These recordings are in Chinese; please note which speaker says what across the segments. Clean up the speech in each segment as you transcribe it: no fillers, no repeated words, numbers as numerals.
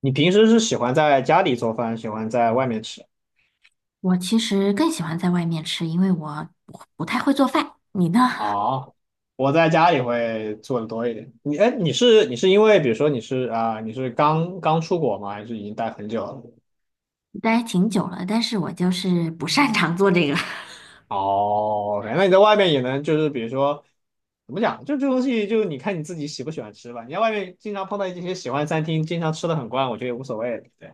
Speaker 1: 你平时是喜欢在家里做饭，喜欢在外面吃？
Speaker 2: 我其实更喜欢在外面吃，因为我不太会做饭。你呢？
Speaker 1: 啊？我在家里会做的多一点。哎，你是因为比如说你是刚刚出国吗？还是已经待很久了？
Speaker 2: 待挺久了，但是我就是不擅长做这个，
Speaker 1: 哦，那你在外面也能就是比如说怎么讲，就这东西就你看你自己喜不喜欢吃吧。你在外面经常碰到一些喜欢餐厅，经常吃的很惯，我觉得也无所谓。对，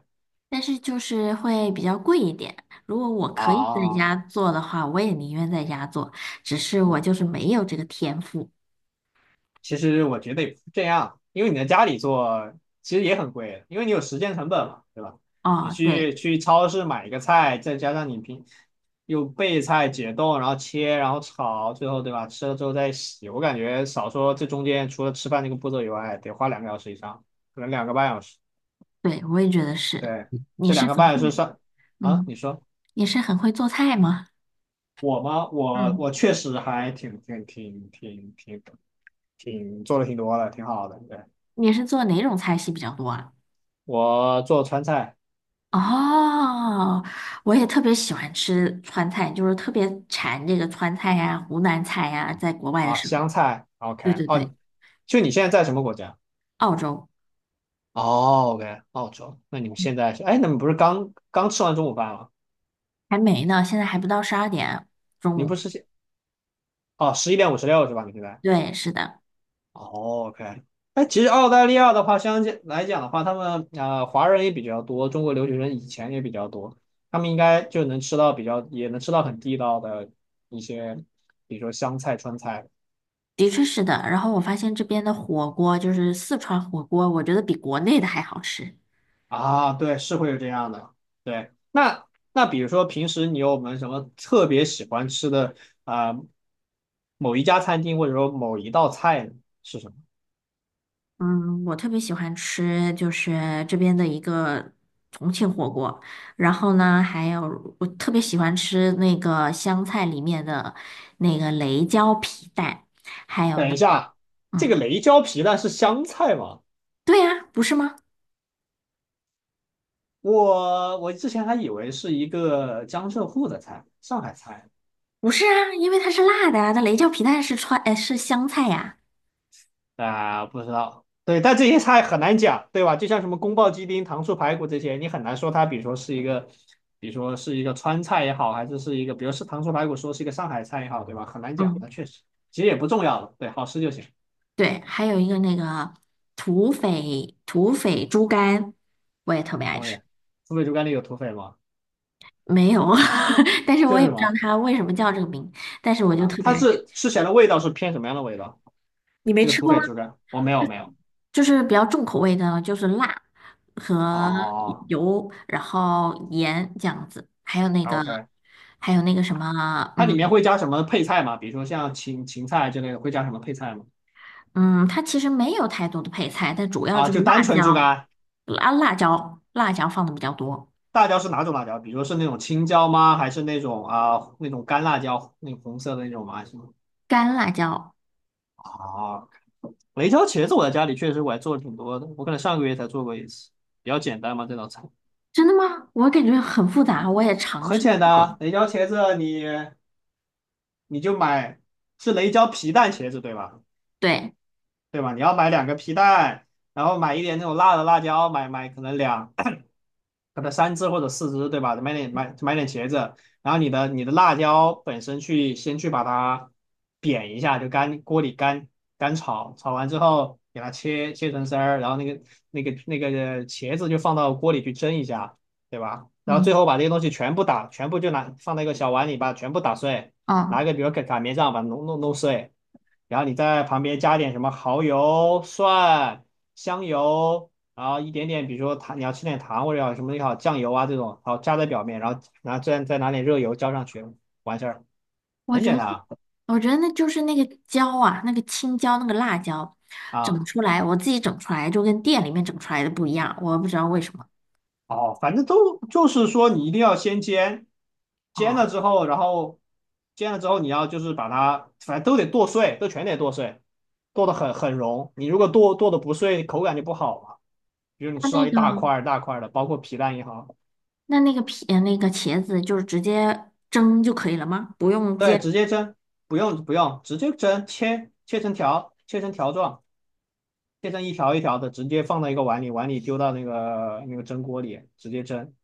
Speaker 2: 但是就是会比较贵一点。如果我可以在
Speaker 1: 啊，
Speaker 2: 家做的话，我也宁愿在家做，只是我
Speaker 1: 嗯。
Speaker 2: 就是没有这个天赋。
Speaker 1: 其实我觉得也不是这样，因为你在家里做其实也很贵，因为你有时间成本嘛，对吧？你
Speaker 2: 哦，对
Speaker 1: 去超市买一个菜，再加上你又备菜、解冻，然后切，然后炒，最后对吧？吃了之后再洗，我感觉少说这中间除了吃饭这个步骤以外，得花2个小时以上，可能两个半小时。
Speaker 2: 对，我也觉得是。
Speaker 1: 对，
Speaker 2: 你
Speaker 1: 这
Speaker 2: 是
Speaker 1: 两个
Speaker 2: 很
Speaker 1: 半小时
Speaker 2: 会，
Speaker 1: 上啊，
Speaker 2: 嗯，
Speaker 1: 你说
Speaker 2: 你是很会做菜吗？
Speaker 1: 我吗？我
Speaker 2: 嗯，
Speaker 1: 我确实还挺做的挺多的，挺好的。对，
Speaker 2: 你是做哪种菜系比较多啊？
Speaker 1: 我做川菜。
Speaker 2: 哦，我也特别喜欢吃川菜，就是特别馋这个川菜呀、湖南菜呀，在国外的
Speaker 1: 啊，
Speaker 2: 时候。
Speaker 1: 香菜
Speaker 2: 对
Speaker 1: ，OK，
Speaker 2: 对对，
Speaker 1: 哦，就你现在在什么国家？
Speaker 2: 澳洲。
Speaker 1: 哦，OK，澳洲。那你们现在是，哎，你们不是刚刚吃完中午饭吗？
Speaker 2: 还没呢，现在还不到12点，中
Speaker 1: 你不
Speaker 2: 午。
Speaker 1: 是现，哦，11:56是吧？你现在？
Speaker 2: 对，是的，
Speaker 1: 哦，OK。哎，其实澳大利亚的话，相对来讲的话，他们华人也比较多，中国留学生以前也比较多，他们应该就能吃到比较，也能吃到很地道的一些，比如说湘菜、川菜。
Speaker 2: 的确是的。然后我发现这边的火锅，就是四川火锅，我觉得比国内的还好吃。
Speaker 1: 啊，对，是会有这样的。对，那比如说平时你有没有什么特别喜欢吃的啊、呃某一家餐厅或者说某一道菜呢？是什么？
Speaker 2: 嗯，我特别喜欢吃就是这边的一个重庆火锅，然后呢，还有我特别喜欢吃那个湘菜里面的那个雷椒皮蛋，还有
Speaker 1: 等
Speaker 2: 呢，
Speaker 1: 一下，这
Speaker 2: 嗯，
Speaker 1: 个雷椒皮蛋是湘菜吗？
Speaker 2: 对呀，不是吗？
Speaker 1: 我之前还以为是一个江浙沪的菜，上海菜。
Speaker 2: 不是啊，因为它是辣的啊，那雷椒皮蛋是川，是湘菜呀。
Speaker 1: 啊、不知道，对，但这些菜很难讲，对吧？就像什么宫爆鸡丁、糖醋排骨这些，你很难说它，比如说是一个，比如说是一个川菜也好，还是是一个，比如是糖醋排骨，说是一个上海菜也好，对吧？很难讲，
Speaker 2: 嗯，
Speaker 1: 那确实，其实也不重要了，对，好吃就行。
Speaker 2: 对，还有一个那个土匪猪肝，我也特别爱
Speaker 1: 东
Speaker 2: 吃，
Speaker 1: 西，土匪猪肝里有土匪吗？
Speaker 2: 没有，但是我
Speaker 1: 这是
Speaker 2: 也
Speaker 1: 什
Speaker 2: 不知道
Speaker 1: 么
Speaker 2: 它为什么叫这个名，但是我就
Speaker 1: 啊？
Speaker 2: 特别
Speaker 1: 它
Speaker 2: 爱吃。
Speaker 1: 是吃起来的味道是偏什么样的味道？
Speaker 2: 你没
Speaker 1: 这个
Speaker 2: 吃
Speaker 1: 土
Speaker 2: 过吗？
Speaker 1: 匪猪肝，我没有没有。
Speaker 2: 就是比较重口味的，就是辣和
Speaker 1: 哦
Speaker 2: 油，然后盐这样子，还有那个，
Speaker 1: ，OK，
Speaker 2: 还有那个什么，
Speaker 1: 它里
Speaker 2: 嗯。
Speaker 1: 面会加什么配菜吗？比如说像芹菜之类的，会加什么配菜吗？
Speaker 2: 嗯，它其实没有太多的配菜，但主要
Speaker 1: 啊，
Speaker 2: 就是
Speaker 1: 就单
Speaker 2: 辣
Speaker 1: 纯猪
Speaker 2: 椒，
Speaker 1: 肝。
Speaker 2: 啊辣椒，辣椒放的比较多，
Speaker 1: 辣椒是哪种辣椒？比如说是那种青椒吗？还是那种干辣椒，那种红色的那种吗？是吗？
Speaker 2: 干辣椒。
Speaker 1: 啊，雷椒茄子我在家里确实我还做了挺多的，我可能上个月才做过一次，比较简单嘛这道菜。
Speaker 2: 真的吗？我感觉很复杂，我也尝
Speaker 1: 很
Speaker 2: 试
Speaker 1: 简单
Speaker 2: 过了。
Speaker 1: 啊，雷椒茄子你就买，是雷椒皮蛋茄子对吧？
Speaker 2: 对，
Speaker 1: 对吧？你要买两个皮蛋，然后买一点那种辣的辣椒，买可能三只或者四只，对吧？买点茄子，然后你的辣椒本身先去把它煸一下，就干锅里干炒，炒完之后给它切成丝儿，然后那个茄子就放到锅里去蒸一下，对吧？然后最
Speaker 2: 嗯。
Speaker 1: 后把这些东西全部放到一个小碗里，把它全部打碎，拿
Speaker 2: 嗯，
Speaker 1: 一个比如擀面杖把它弄碎，然后你在旁边加点什么蚝油、蒜、香油。然后一点点，比如说糖，你要吃点糖或者要什么也好，酱油啊这种，好加在表面，然后再拿点热油浇上去，完事儿，
Speaker 2: 我
Speaker 1: 很
Speaker 2: 觉
Speaker 1: 简
Speaker 2: 得。
Speaker 1: 单啊。
Speaker 2: 我觉得那就是那个椒啊，那个青椒，那个辣椒，整
Speaker 1: 啊
Speaker 2: 出来，我自己整出来就跟店里面整出来的不一样，我不知道为什么。
Speaker 1: 哦，反正都就是说你一定要先煎，煎
Speaker 2: 哦，
Speaker 1: 了之后，然后煎了之后你要就是把它，反正都得剁碎，都全得剁碎，剁得很融。你如果剁的不碎，口感就不好嘛。比如你
Speaker 2: 那
Speaker 1: 吃
Speaker 2: 那
Speaker 1: 到一
Speaker 2: 个
Speaker 1: 大块儿大块儿的，包括皮蛋也好。
Speaker 2: 那那个皮呃那个茄子就是直接蒸就可以了吗？不用
Speaker 1: 对，
Speaker 2: 煎？
Speaker 1: 直接蒸，不用不用，直接蒸，切成条，切成条状。切成一条一条的，直接放到一个碗里，碗里丢到那个蒸锅里，直接蒸，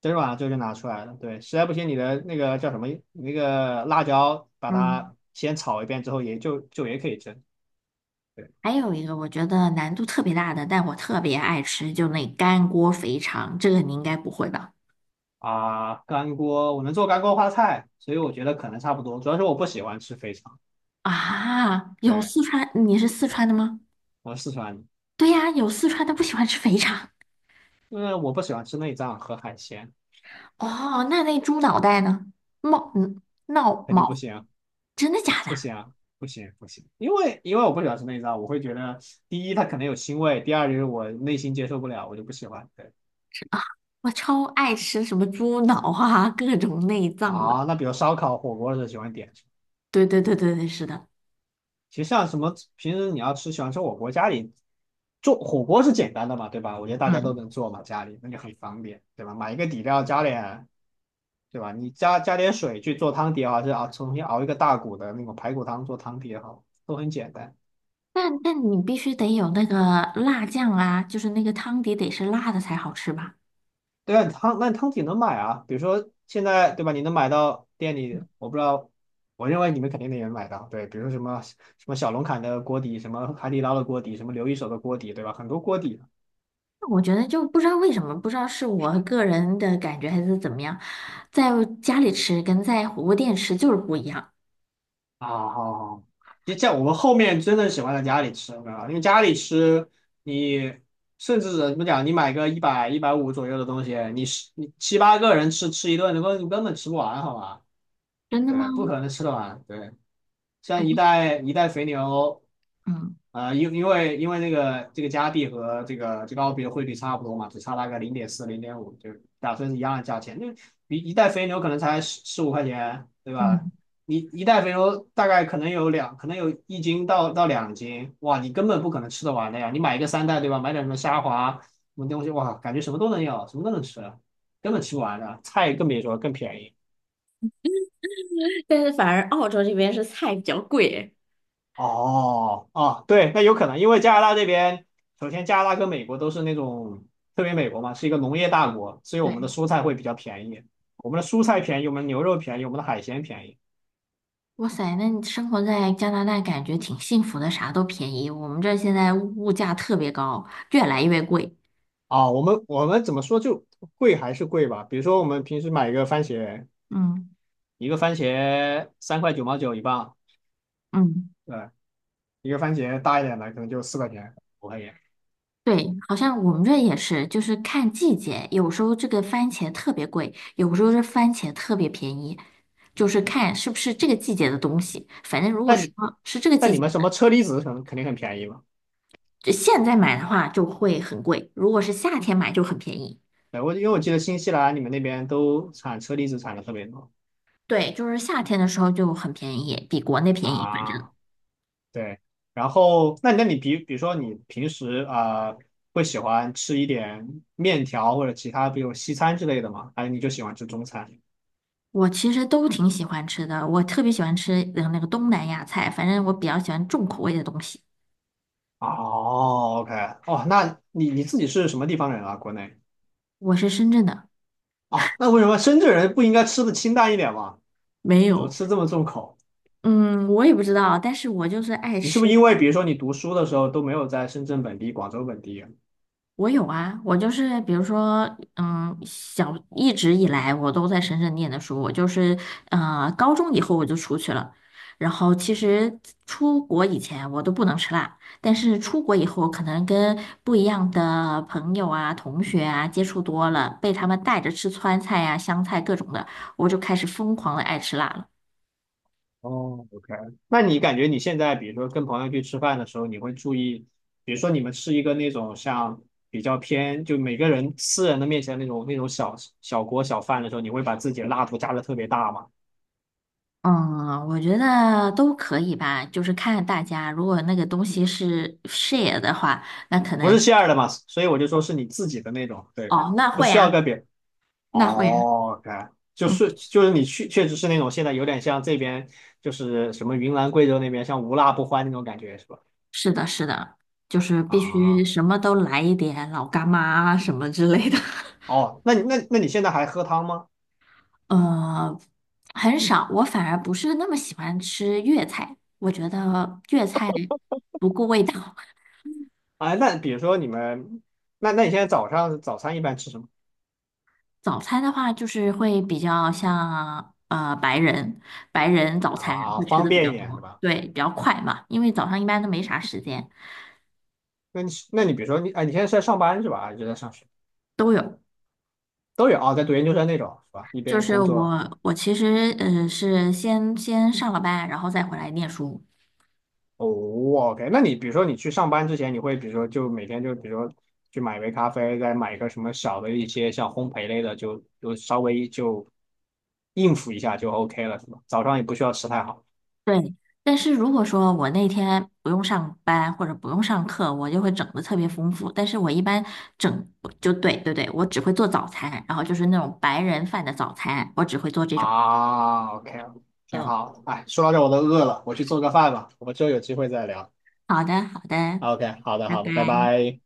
Speaker 1: 蒸软了之后就拿出来了。对，实在不行你的那个叫什么那个辣椒，把
Speaker 2: 嗯，
Speaker 1: 它先炒一遍之后，也就也可以蒸。对
Speaker 2: 还有一个我觉得难度特别大的，但我特别爱吃，就那干锅肥肠，这个你应该不会吧？
Speaker 1: 啊，干锅我能做干锅花菜，所以我觉得可能差不多。主要是我不喜欢吃肥肠，
Speaker 2: 啊，有
Speaker 1: 对，
Speaker 2: 四川，你是四川的吗？
Speaker 1: 我是四川人，
Speaker 2: 对呀，有四川的不喜欢吃肥肠。
Speaker 1: 因为我不喜欢吃内脏和海鲜，
Speaker 2: 哦，那那猪脑袋呢？冒嗯，闹
Speaker 1: 肯定不
Speaker 2: 毛，
Speaker 1: 行。
Speaker 2: 真的假的？
Speaker 1: 不行啊，不行不行，因为我不喜欢吃内脏，我会觉得第一它可能有腥味，第二就是我内心接受不了，我就不喜欢。对
Speaker 2: 我超爱吃什么猪脑啊，各种内脏的。
Speaker 1: 啊，那比如烧烤、火锅的时候喜欢点什么？
Speaker 2: 对对对对对，是的。
Speaker 1: 其实像什么平时你喜欢吃火锅，家里做火锅是简单的嘛，对吧？我觉得大家都
Speaker 2: 嗯，
Speaker 1: 能做嘛，家里那就很方便，对吧？买一个底料加点，对吧？你加点水去做汤底也好，还是啊，重新熬一个大骨的那种排骨汤做汤底也好，都很简单。
Speaker 2: 但你必须得有那个辣酱啊，就是那个汤底得是辣的才好吃吧？
Speaker 1: 对啊，汤那汤底能买啊，比如说现在对吧？你能买到店里，我不知道，我认为你们肯定能也买到。对，比如说什么小龙坎的锅底，什么海底捞的锅底，什么刘一手的锅底，对吧？很多锅底
Speaker 2: 我觉得就不知道为什么，不知道是我个人的感觉还是怎么样，在家里吃跟在火锅店吃就是不一样。
Speaker 1: 啊，好好，其实像我们后面真的喜欢在家里吃，对吧？因为家里吃，你甚至怎么讲，你买个一百150左右的东西，你七八个人吃一顿，你根本吃不完，好吧？
Speaker 2: 真的吗？
Speaker 1: 对，不可能吃得完。对，
Speaker 2: 哎，
Speaker 1: 像一袋一袋肥牛。
Speaker 2: 嗯，
Speaker 1: 啊、因为那个加币和这个澳币的汇率差不多嘛，只差大概0.4、0.5，就打算是一样的价钱。那一袋肥牛可能才15块，对吧？
Speaker 2: 嗯，
Speaker 1: 你一袋肥牛大概可能可能有1斤到2斤，哇，你根本不可能吃得完的呀。你买一个三袋，对吧？买点什么虾滑什么东西，哇，感觉什么都能要，什么都能吃，根本吃不完的。菜更别说，更便宜。
Speaker 2: 但是反而澳洲这边是菜比较贵诶。
Speaker 1: 哦，啊，对，那有可能，因为加拿大这边，首先加拿大跟美国都是那种，特别美国嘛，是一个农业大国，所以我们的
Speaker 2: 对。
Speaker 1: 蔬菜会比较便宜，我们的蔬菜便宜，我们的牛肉便宜，我们的海鲜便宜。
Speaker 2: 哇塞，那你生活在加拿大感觉挺幸福的，啥都便宜。我们这儿现在物价特别高，越来越贵。
Speaker 1: 啊，我们怎么说就贵还是贵吧？比如说我们平时买一个番茄，
Speaker 2: 嗯。
Speaker 1: 一个番茄3.99块1磅，
Speaker 2: 嗯，
Speaker 1: 对，一个番茄大一点的可能就4块、五块钱。
Speaker 2: 对，好像我们这也是，就是看季节，有时候这个番茄特别贵，有时候这番茄特别便宜，就是
Speaker 1: 嗯，
Speaker 2: 看是不是这个季节的东西。反正如果
Speaker 1: 那
Speaker 2: 说
Speaker 1: 你
Speaker 2: 是这个
Speaker 1: 那
Speaker 2: 季
Speaker 1: 你
Speaker 2: 节
Speaker 1: 们什
Speaker 2: 的，
Speaker 1: 么车厘子可能肯定很便宜嘛？
Speaker 2: 就现在买的话就会很贵，如果是夏天买就很便宜。
Speaker 1: 对，因为我记得新西兰你们那边都产车厘子产的特别多。
Speaker 2: 对，就是夏天的时候就很便宜，比国内便宜，反正。
Speaker 1: 啊，对，然后那你比如说你平时会喜欢吃一点面条或者其他，比如西餐之类的吗？还是你就喜欢吃中餐？
Speaker 2: 我其实都挺喜欢吃的，我特别喜欢吃那个东南亚菜，反正我比较喜欢重口味的东西。
Speaker 1: 哦，OK，哦，那你自己是什么地方人啊？国内
Speaker 2: 我是深圳的，
Speaker 1: 啊？那为什么深圳人不应该吃的清淡一点吗？
Speaker 2: 没
Speaker 1: 怎么
Speaker 2: 有，
Speaker 1: 吃这么重口？
Speaker 2: 嗯，我也不知道，但是我就是爱
Speaker 1: 你是不是
Speaker 2: 吃。
Speaker 1: 因为比如说你读书的时候都没有在深圳本地、广州本地。
Speaker 2: 我有啊，我就是比如说，嗯，小一直以来我都在深圳念的书，我就是高中以后我就出去了，然后其实出国以前我都不能吃辣，但是出国以后可能跟不一样的朋友啊、同学啊接触多了，被他们带着吃川菜啊、湘菜各种的，我就开始疯狂的爱吃辣了。
Speaker 1: 哦，OK，那你感觉你现在，比如说跟朋友去吃饭的时候，你会注意，比如说你们吃一个那种像比较偏，就每个人私人的面前那种小锅小饭的时候，你会把自己的辣度加的特别大吗？
Speaker 2: 嗯，我觉得都可以吧，就是看大家，如果那个东西是 share 的话。那可
Speaker 1: 不是
Speaker 2: 能。
Speaker 1: 馅 h 的嘛，所以我就说是你自己的那种，对，
Speaker 2: 哦，那
Speaker 1: 不
Speaker 2: 会
Speaker 1: 需要
Speaker 2: 啊，
Speaker 1: 跟别人。
Speaker 2: 那会啊，
Speaker 1: 哦，OK，
Speaker 2: 嗯，
Speaker 1: 就是你确实是那种现在有点像这边就是什么云南贵州那边像无辣不欢那种感觉是吧？
Speaker 2: 是的，是的，就是必须
Speaker 1: 啊，
Speaker 2: 什么都来一点，老干妈啊什么之类的。
Speaker 1: 哦，那你现在还喝汤吗？
Speaker 2: 呃，很少，我反而不是那么喜欢吃粤菜，我觉得粤菜不顾味道。
Speaker 1: 啊，那比如说你们，那你现在早上早餐一般吃什么
Speaker 2: 早餐的话，就是会比较像白人，白人早餐
Speaker 1: 啊？
Speaker 2: 会吃
Speaker 1: 方
Speaker 2: 的比
Speaker 1: 便一
Speaker 2: 较
Speaker 1: 点是
Speaker 2: 多，
Speaker 1: 吧？
Speaker 2: 对，比较快嘛，因为早上一般都没啥时间。
Speaker 1: 那你比如说你，哎，你现在是在上班是吧？还是在上学？
Speaker 2: 都有。
Speaker 1: 都有啊，在读研究生那种是吧？一
Speaker 2: 就
Speaker 1: 边
Speaker 2: 是
Speaker 1: 工作。
Speaker 2: 我，我其实是先上了班，然后再回来念书。
Speaker 1: 哦，OK，那你比如说你去上班之前，你会比如说就每天就比如说去买一杯咖啡，再买一个什么小的一些像烘焙类的，就稍微就应付一下就 OK 了是吧？早上也不需要吃太好
Speaker 2: 对，但是如果说我那天不用上班或者不用上课，我就会整的特别丰富。但是我一般整就对对对，我只会做早餐，然后就是那种白人饭的早餐，我只会做这种。
Speaker 1: 啊，OK，挺
Speaker 2: 嗯。
Speaker 1: 好。哎，说到这我都饿了，我去做个饭吧，我们之后有机会再聊。
Speaker 2: 好的，好的，
Speaker 1: OK，好的，
Speaker 2: 拜
Speaker 1: 好的，拜
Speaker 2: 拜。
Speaker 1: 拜。